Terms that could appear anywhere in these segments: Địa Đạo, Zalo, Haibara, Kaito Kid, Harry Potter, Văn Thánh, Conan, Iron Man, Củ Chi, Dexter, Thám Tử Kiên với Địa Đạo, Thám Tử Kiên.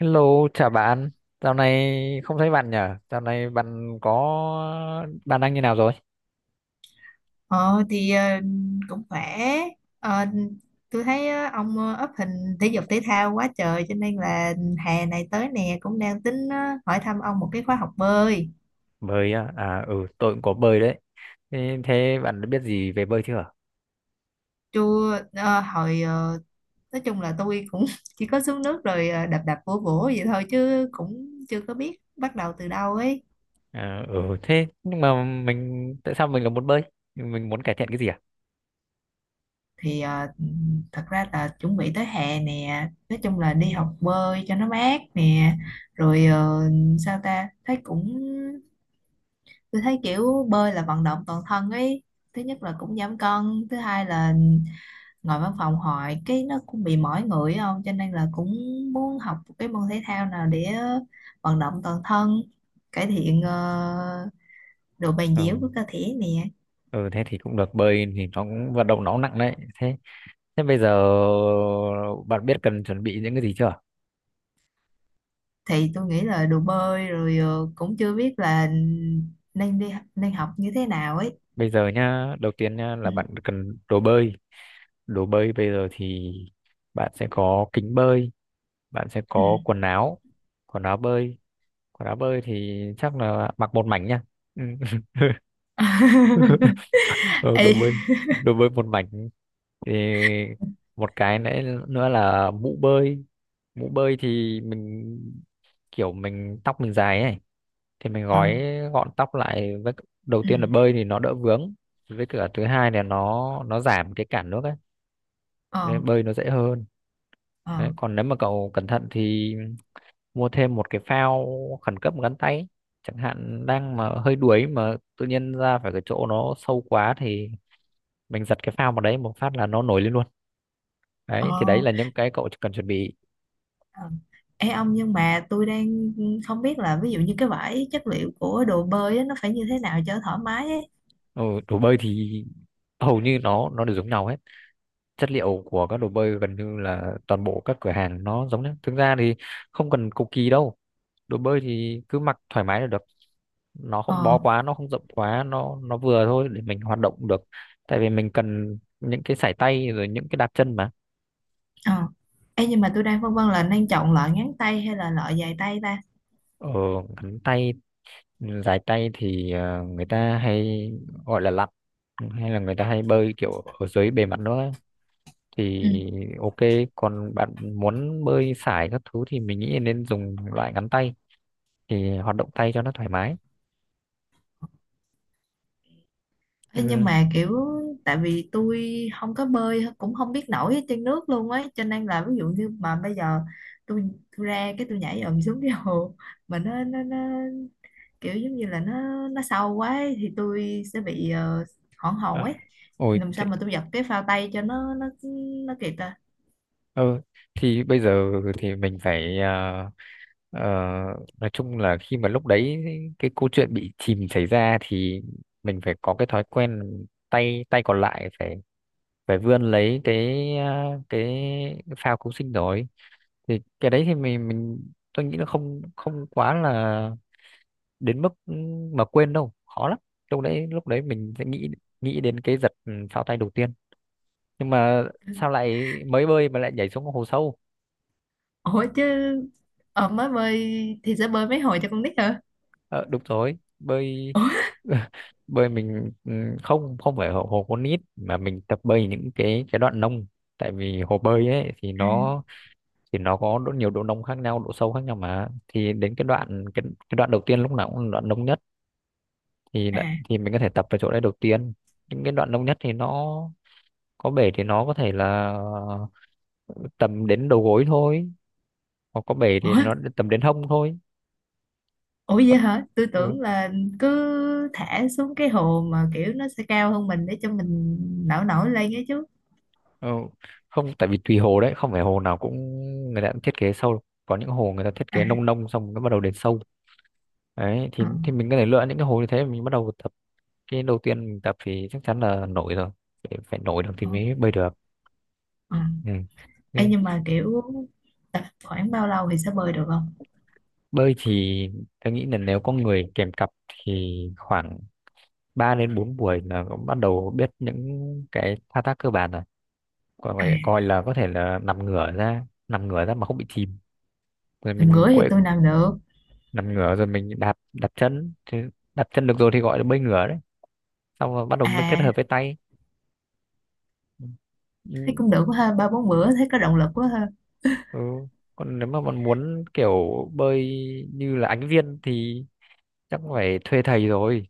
Hello, chào bạn. Dạo này không thấy bạn nhở? Dạo này bạn đang như nào rồi? Ờ thì cũng khỏe. Ờ, tôi thấy ông up hình thể dục thể thao quá trời cho nên là hè này tới nè cũng đang tính hỏi thăm ông một cái khóa học bơi. Bơi à? À ừ, tôi cũng có bơi đấy. Thế bạn đã biết gì về bơi chưa? Chưa. Ờ, hồi nói chung là tôi cũng chỉ có xuống nước rồi đập đập vỗ vỗ vậy thôi chứ cũng chưa có biết bắt đầu từ đâu ấy. À, ừ thế nhưng mà tại sao mình lại muốn bơi? Mình muốn cải thiện cái gì à? Thì thật ra là chuẩn bị tới hè nè, nói chung là đi học bơi cho nó mát nè. Rồi sao ta thấy cũng tôi thấy kiểu bơi là vận động toàn thân ấy. Thứ nhất là cũng giảm cân, thứ hai là ngồi văn phòng hoài cái nó cũng bị mỏi người ấy không, cho nên là cũng muốn học một cái môn thể thao nào để vận động toàn thân, cải thiện độ bền Ừ, dẻo của cơ thể nè. ừ thế thì cũng được, bơi thì nó cũng vận động, nó cũng nặng đấy. Thế thế bây giờ bạn biết cần chuẩn bị những cái gì chưa? Thì tôi nghĩ là đồ bơi rồi. Ờ, Cũng chưa biết là nên đi nên học như thế nào ấy. Bây giờ nhá, đầu tiên nhá là Ừ. bạn cần đồ bơi. Đồ bơi bây giờ thì bạn sẽ có kính bơi, bạn sẽ Ừ. có quần áo bơi, quần áo bơi thì chắc là mặc một mảnh nha, ừ. Ờ, Ê. Đồ bơi một mảnh thì một cái nữa nữa là mũ bơi, mũ bơi thì mình kiểu mình tóc mình dài ấy thì mình Ờ. Gọn tóc lại, với đầu Ừ. tiên là bơi thì nó đỡ vướng, với cả thứ hai là nó giảm cái cản nước ấy Ờ. nên bơi nó dễ hơn. Ờ. Đấy, còn nếu mà cậu cẩn thận thì mua thêm một cái phao khẩn cấp gắn tay ấy. Chẳng hạn đang mà hơi đuối mà tự nhiên ra phải cái chỗ nó sâu quá thì mình giật cái phao vào đấy một phát là nó nổi lên luôn, đấy Ờ. thì đấy là những cái cậu cần chuẩn bị. Ờ. Ê ông, nhưng mà tôi đang không biết là ví dụ như cái vải chất liệu của đồ bơi á, nó phải như thế nào cho thoải mái ấy. Ừ, đồ bơi thì hầu như nó đều giống nhau hết, chất liệu của các đồ bơi gần như là toàn bộ các cửa hàng nó giống nhau, thực ra thì không cần cầu kỳ đâu, đồ bơi thì cứ mặc thoải mái là được, nó không bó Ờ. quá, nó không rộng quá, nó vừa thôi để mình hoạt động được, tại vì mình cần những cái sải tay rồi những cái đạp chân mà. Ờ. Ê, nhưng mà tôi đang phân vân là nên chọn loại ngắn tay hay là loại dài tay ta. ờ Ngắn tay, dài tay thì người ta hay gọi là lặn, hay là người ta hay bơi kiểu ở dưới bề mặt nữa thì Ừ. ok. Còn bạn muốn bơi sải các thứ thì mình nghĩ nên dùng loại ngắn tay thì hoạt động tay cho nó thoải mái. Ê, Nhưng nhưng mà kiểu tại vì tôi không có bơi cũng không biết nổi ở trên nước luôn ấy, cho nên là ví dụ như mà bây giờ tôi tôi ra cái tôi nhảy ầm xuống cái hồ mà nó kiểu giống như là nó sâu quá ấy, thì tôi sẽ bị hoảng hồn ờ, ấy. ôi Làm thế. sao mà tôi giật cái phao tay cho nó kịp ta? Ừ, thì bây giờ thì mình phải, ờ, nói chung là khi mà lúc đấy cái câu chuyện bị chìm xảy ra thì mình phải có cái thói quen, tay tay còn lại phải phải vươn lấy cái phao cứu sinh rồi, thì cái đấy thì mình tôi nghĩ là không không quá là đến mức mà quên đâu, khó lắm. Lúc đấy mình sẽ nghĩ nghĩ đến cái giật, phao tay đầu tiên. Nhưng mà sao lại mới bơi mà lại nhảy xuống hồ sâu? Ủa chứ mới bơi thì sẽ bơi mấy hồi cho con nít hả? Ờ, đúng rồi, bơi Ủa. bơi mình, ừ, không không phải hồ, hồ con nít mà mình tập bơi những cái đoạn nông, tại vì hồ bơi ấy thì À. Thì nó có độ nhiều, độ nông khác nhau, độ sâu khác nhau mà, thì đến cái đoạn đầu tiên lúc nào cũng là đoạn nông nhất thì À. thì mình có thể tập ở chỗ đấy đầu tiên. Những cái đoạn nông nhất thì nó có bể thì nó có thể là tầm đến đầu gối thôi, hoặc có bể thì Ủa. nó tầm đến hông thôi, Ủa vậy hả, tôi ừ. tưởng là cứ thả xuống cái hồ mà kiểu nó sẽ cao hơn mình để cho mình nổi nổi lên ấy chứ. Ờ, không, tại vì tùy hồ đấy, không phải hồ nào cũng người ta cũng thiết kế sâu, có những hồ người ta thiết À. kế nông nông xong nó bắt đầu đến sâu, đấy thì Ờ. Mình có thể lựa những cái hồ như thế mình bắt đầu tập. Cái đầu tiên mình tập thì chắc chắn là nổi rồi, phải nổi được thì Ờ. mới bơi được, Ờ. ừ. Ê, Thế, nhưng mà kiểu khoảng bao lâu thì sẽ bơi được không? bơi thì tôi nghĩ là nếu có người kèm cặp thì khoảng 3 đến 4 buổi là cũng bắt đầu biết những cái thao tác cơ bản rồi, còn À, phải coi là có thể là nằm ngửa ra mà không bị chìm rồi làm mình, gửi thì tôi làm được. nằm ngửa rồi mình đạp đạp chân thì đạp chân được rồi thì gọi là bơi ngửa đấy, xong rồi bắt đầu mới kết À, hợp với tay, thấy ừ. cũng được quá ha, ba bốn bữa thấy có động lực quá ha. Ừ, còn nếu mà bạn muốn kiểu bơi như là Ánh Viên thì chắc phải thuê thầy rồi,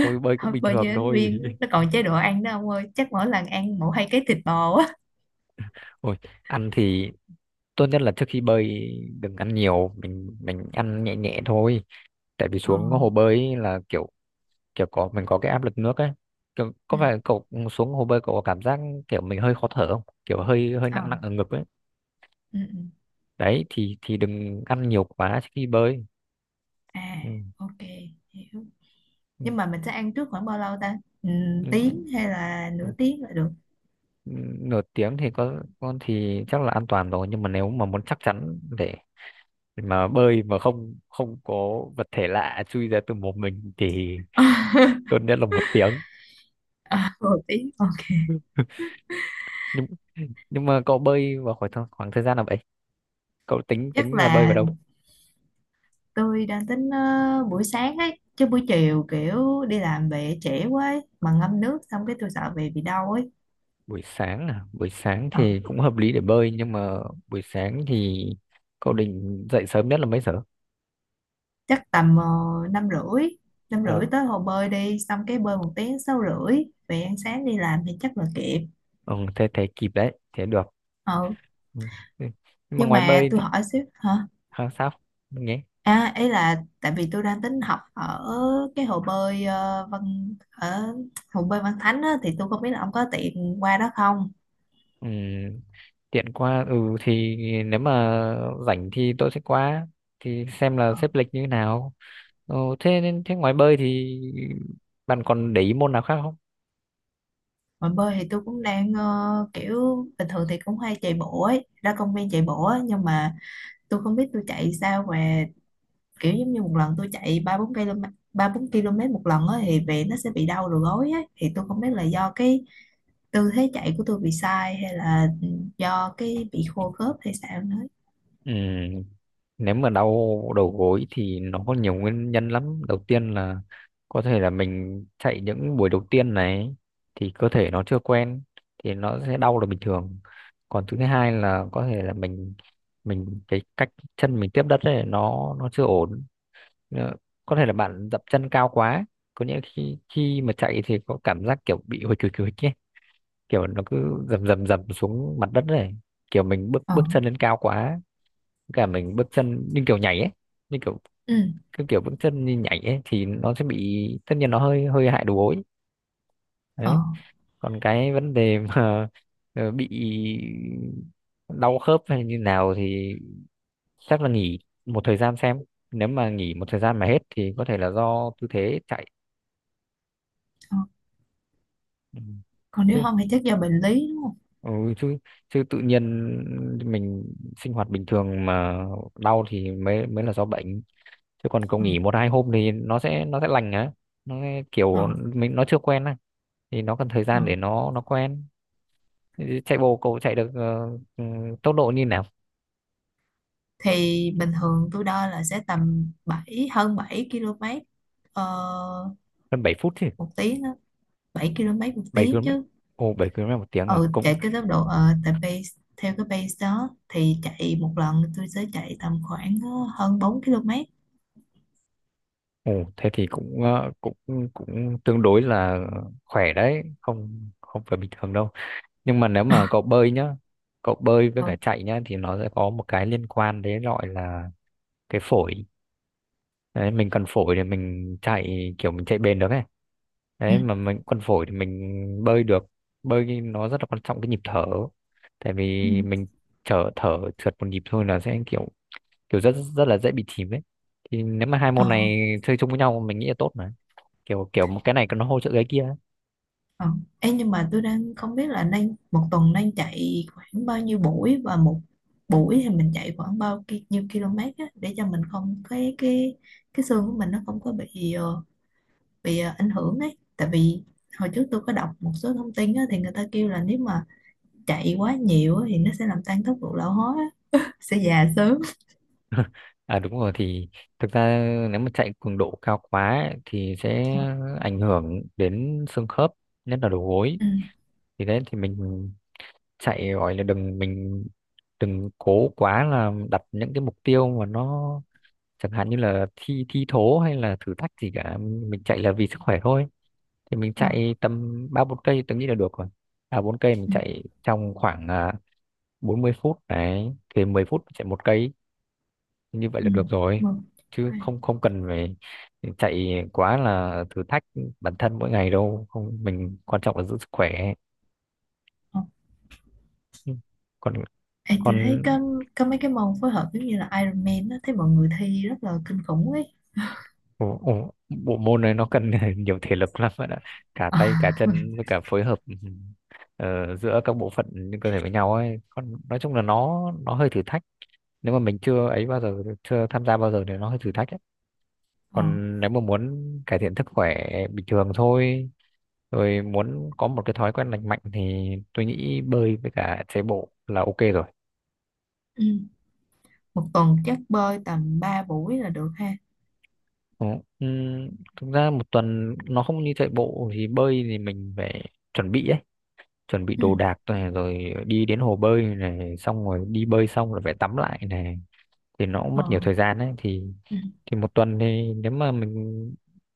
tôi bơi cũng Thôi bình bao thường nhiêu ứng thôi. viên nó còn chế độ ăn đó ông ơi, chắc mỗi lần ăn mỗi hai cái thịt bò á. Ôi, ăn thì tốt nhất là trước khi bơi đừng ăn nhiều, mình ăn nhẹ nhẹ thôi, tại vì Ờ. xuống hồ bơi ấy là kiểu kiểu có mình có cái áp lực nước ấy, kiểu, Ừ. có phải cậu xuống hồ bơi cậu có cảm giác kiểu mình hơi khó thở không, kiểu hơi hơi Ờ. nặng nặng ở ngực ấy, Ừ. Ừ. đấy thì đừng ăn nhiều quá khi bơi, À, ừ. ok, hiểu. ừ, Nhưng mà mình sẽ ăn trước khoảng bao lâu ta? ừ, ừ, Tiếng hay là ừ, nửa tiếng là được? Nửa tiếng thì có con thì chắc là an toàn rồi, nhưng mà nếu mà muốn chắc chắn để mà bơi mà không không có vật thể lạ chui ra từ mồm mình thì tốt nhất là một tiếng. À, một tiếng, ok. nhưng nhưng mà cậu bơi vào khoảng thời gian nào vậy, cậu tính Chắc tính là bơi vào là đâu? tôi đang tính buổi sáng ấy, chứ buổi chiều kiểu đi làm về trễ quá ấy. Mà ngâm nước xong cái tôi sợ về bị đau ấy. Buổi sáng à, buổi sáng Ờ. thì cũng hợp lý để bơi, nhưng mà buổi sáng thì cậu định dậy sớm nhất là mấy giờ? Chắc tầm năm rưỡi. Năm rưỡi Ồ, tới hồ bơi đi xong cái bơi một tiếng, sáu rưỡi về ăn sáng đi làm thì chắc là kịp. ừ, thế thế kịp đấy, thế được, Ừ, ừ. Ừ. Nhưng mà nhưng ngoài mà bơi tôi thì- hỏi xíu hả? à, sao? Mình nhé, À, ấy là tại vì tôi đang tính học ở cái hồ bơi ờ, Văn ở hồ bơi Văn Thánh á, thì tôi không biết là ông có tiện qua đó không? ừ, tiện qua, ừ, thì nếu mà rảnh thì tôi sẽ qua thì xem là Ờ, xếp lịch như thế nào. Ừ, thế nên thế ngoài bơi thì bạn còn để ý môn nào khác không? mà bơi thì tôi cũng đang kiểu bình thường thì cũng hay chạy bộ ấy, ra công viên chạy bộ á, nhưng mà tôi không biết tôi chạy sao mà kiểu giống như một lần tôi chạy 3 4 km. 3 4 km một lần á thì về nó sẽ bị đau đầu gối á, thì tôi không biết là do cái tư thế chạy của tôi bị sai hay là do cái bị khô khớp hay sao nữa. Ừ, nếu mà đau đầu gối thì nó có nhiều nguyên nhân lắm. Đầu tiên là có thể là mình chạy những buổi đầu tiên này thì cơ thể nó chưa quen thì nó sẽ đau là bình thường. Còn thứ hai là có thể là mình cái cách chân mình tiếp đất ấy nó chưa ổn. Ờ, có thể là bạn dậm chân cao quá. Có nghĩa khi khi mà chạy thì có cảm giác kiểu bị hồi chùi chùi ấy, kiểu nó cứ dầm dầm dầm xuống mặt đất này, kiểu mình bước Ờ. bước chân lên cao quá, cả mình bước chân như kiểu nhảy ấy, như kiểu Ừ. cái kiểu bước chân như nhảy ấy thì nó sẽ bị, tất nhiên nó hơi hơi hại đầu gối Ờ. đấy. Còn cái vấn đề mà bị đau khớp hay như nào thì chắc là nghỉ một thời gian xem, nếu mà nghỉ một thời gian mà hết thì có thể là do tư thế chạy. Ờ. Ừ. Còn nếu Chứ không thì chắc do bệnh lý đúng không? ừ, chứ chứ tự nhiên mình sinh hoạt bình thường mà đau thì mới mới là do bệnh, chứ còn cậu Ờ. nghỉ một hai hôm thì nó sẽ lành á, nó sẽ Ờ. kiểu mình nó chưa quen á thì nó cần thời Ờ. gian để nó quen. Chạy bộ cậu chạy được ừ, tốc độ như nào? Thì bình thường tôi đo là sẽ tầm bảy, hơn 7 km ờ, Gần 7 phút chứ, một tiếng á. 7 km một 7 tiếng km chứ? Ồ, 7 km một tiếng à, Ừ, cũng chạy cái tốc độ tại pace. Theo cái pace đó thì chạy một lần tôi sẽ chạy tầm khoảng hơn 4 km. ồ thế thì cũng, cũng cũng tương đối là khỏe đấy, không không phải bình thường đâu. Nhưng mà nếu mà cậu bơi nhá, cậu bơi với cả Ừ. chạy nhá thì nó sẽ có một cái liên quan đấy gọi là cái phổi. Đấy mình cần phổi để mình chạy kiểu mình chạy bền được ấy, Ừ. đấy mà mình cần phổi thì mình bơi được. Bơi thì nó rất là quan trọng cái nhịp thở, tại Ừ. vì mình thở thở trượt một nhịp thôi là sẽ kiểu kiểu rất rất là dễ bị chìm ấy. Thì nếu mà hai Ờ. môn này chơi chung với nhau mình nghĩ là tốt mà, kiểu kiểu một cái này nó hỗ trợ cái kia. Ờ. Ê, nhưng mà tôi đang không biết là đang một tuần đang chạy khoảng bao nhiêu buổi, và một buổi thì mình chạy khoảng bao nhiêu km á, để cho mình không cái xương của mình nó không có bị bị ảnh hưởng ấy. Tại vì hồi trước tôi có đọc một số thông tin á, thì người ta kêu là nếu mà chạy quá nhiều á, thì nó sẽ làm tăng tốc độ lão hóa á, sẽ già sớm. À đúng rồi, thì thực ra nếu mà chạy cường độ cao quá ấy, thì sẽ Ờ. ảnh hưởng đến xương khớp, nhất là đầu gối. Ừ. Thì đấy thì mình chạy gọi là đừng cố quá là đặt những cái mục tiêu mà nó chẳng hạn như là thi thi thố hay là thử thách gì cả, mình chạy là vì sức khỏe thôi. Thì mình Ờ. chạy tầm ba bốn cây tôi nghĩ là được rồi, ba bốn cây mình Ừ. chạy trong khoảng à, 40 phút đấy thì 10 phút chạy một cây, như vậy là Ừ. được rồi, Vâng. chứ Ok. không không cần phải chạy quá là thử thách bản thân mỗi ngày đâu, không mình quan trọng là giữ sức khỏe. Ờ, Ừ. còn ê, tôi thấy còn có mấy cái môn phối hợp giống như là Iron Man á, thấy mọi người thi rất là kinh khủng ấy. ồ, ồ, bộ môn này nó cần nhiều thể lực lắm bạn ạ, cả Ờ. tay cả chân với cả phối hợp, ừ, ờ, giữa các bộ phận trên cơ thể với nhau ấy, còn nói chung là nó hơi thử thách, nếu mà mình chưa ấy bao giờ chưa tham gia bao giờ thì nó hơi thử thách ấy. Ờ. Còn nếu mà muốn cải thiện sức khỏe bình thường thôi, rồi muốn có một cái thói quen lành mạnh thì tôi nghĩ bơi với cả chạy bộ là ok rồi. Ừ. Một tuần chắc bơi tầm 3 buổi là được ha. Ừ, ừm, thực ra một tuần nó không như chạy bộ, thì bơi thì mình phải chuẩn bị ấy, chuẩn bị Ừ. đồ đạc này rồi đi đến hồ bơi này xong rồi đi bơi xong rồi phải tắm lại này, thì nó cũng mất nhiều Ờ. thời gian đấy. Thì Ừ. Một tuần thì nếu mà mình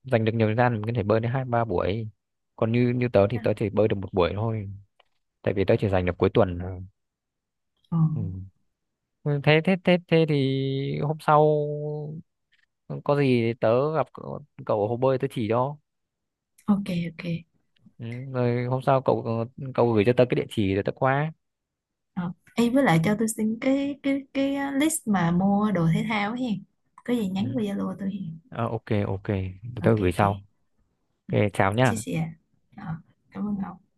dành được nhiều thời gian mình có thể bơi đến hai ba buổi, còn như như tớ thì Ờ. tớ chỉ bơi được một buổi thôi, tại vì tớ chỉ dành được cuối tuần thôi, Ờ. ừ. Ừ, thế thế thế thế thì hôm sau có gì thì tớ gặp cậu cậu ở hồ bơi tớ chỉ cho, Ok, ok. ừ. Rồi hôm sau cậu cậu gửi cho tớ cái địa chỉ rồi tớ qua, Ờ, ê, với lại cho tôi xin cái list mà mua đồ thể thao ấy hen. Có gì ừ. nhắn qua Zalo tôi hen. Ờ, ok ok. Tớ Ok, gửi ok. sau. Ừ. Ok, chào Chia nhá. sẻ. Ờ, cảm ơn ông.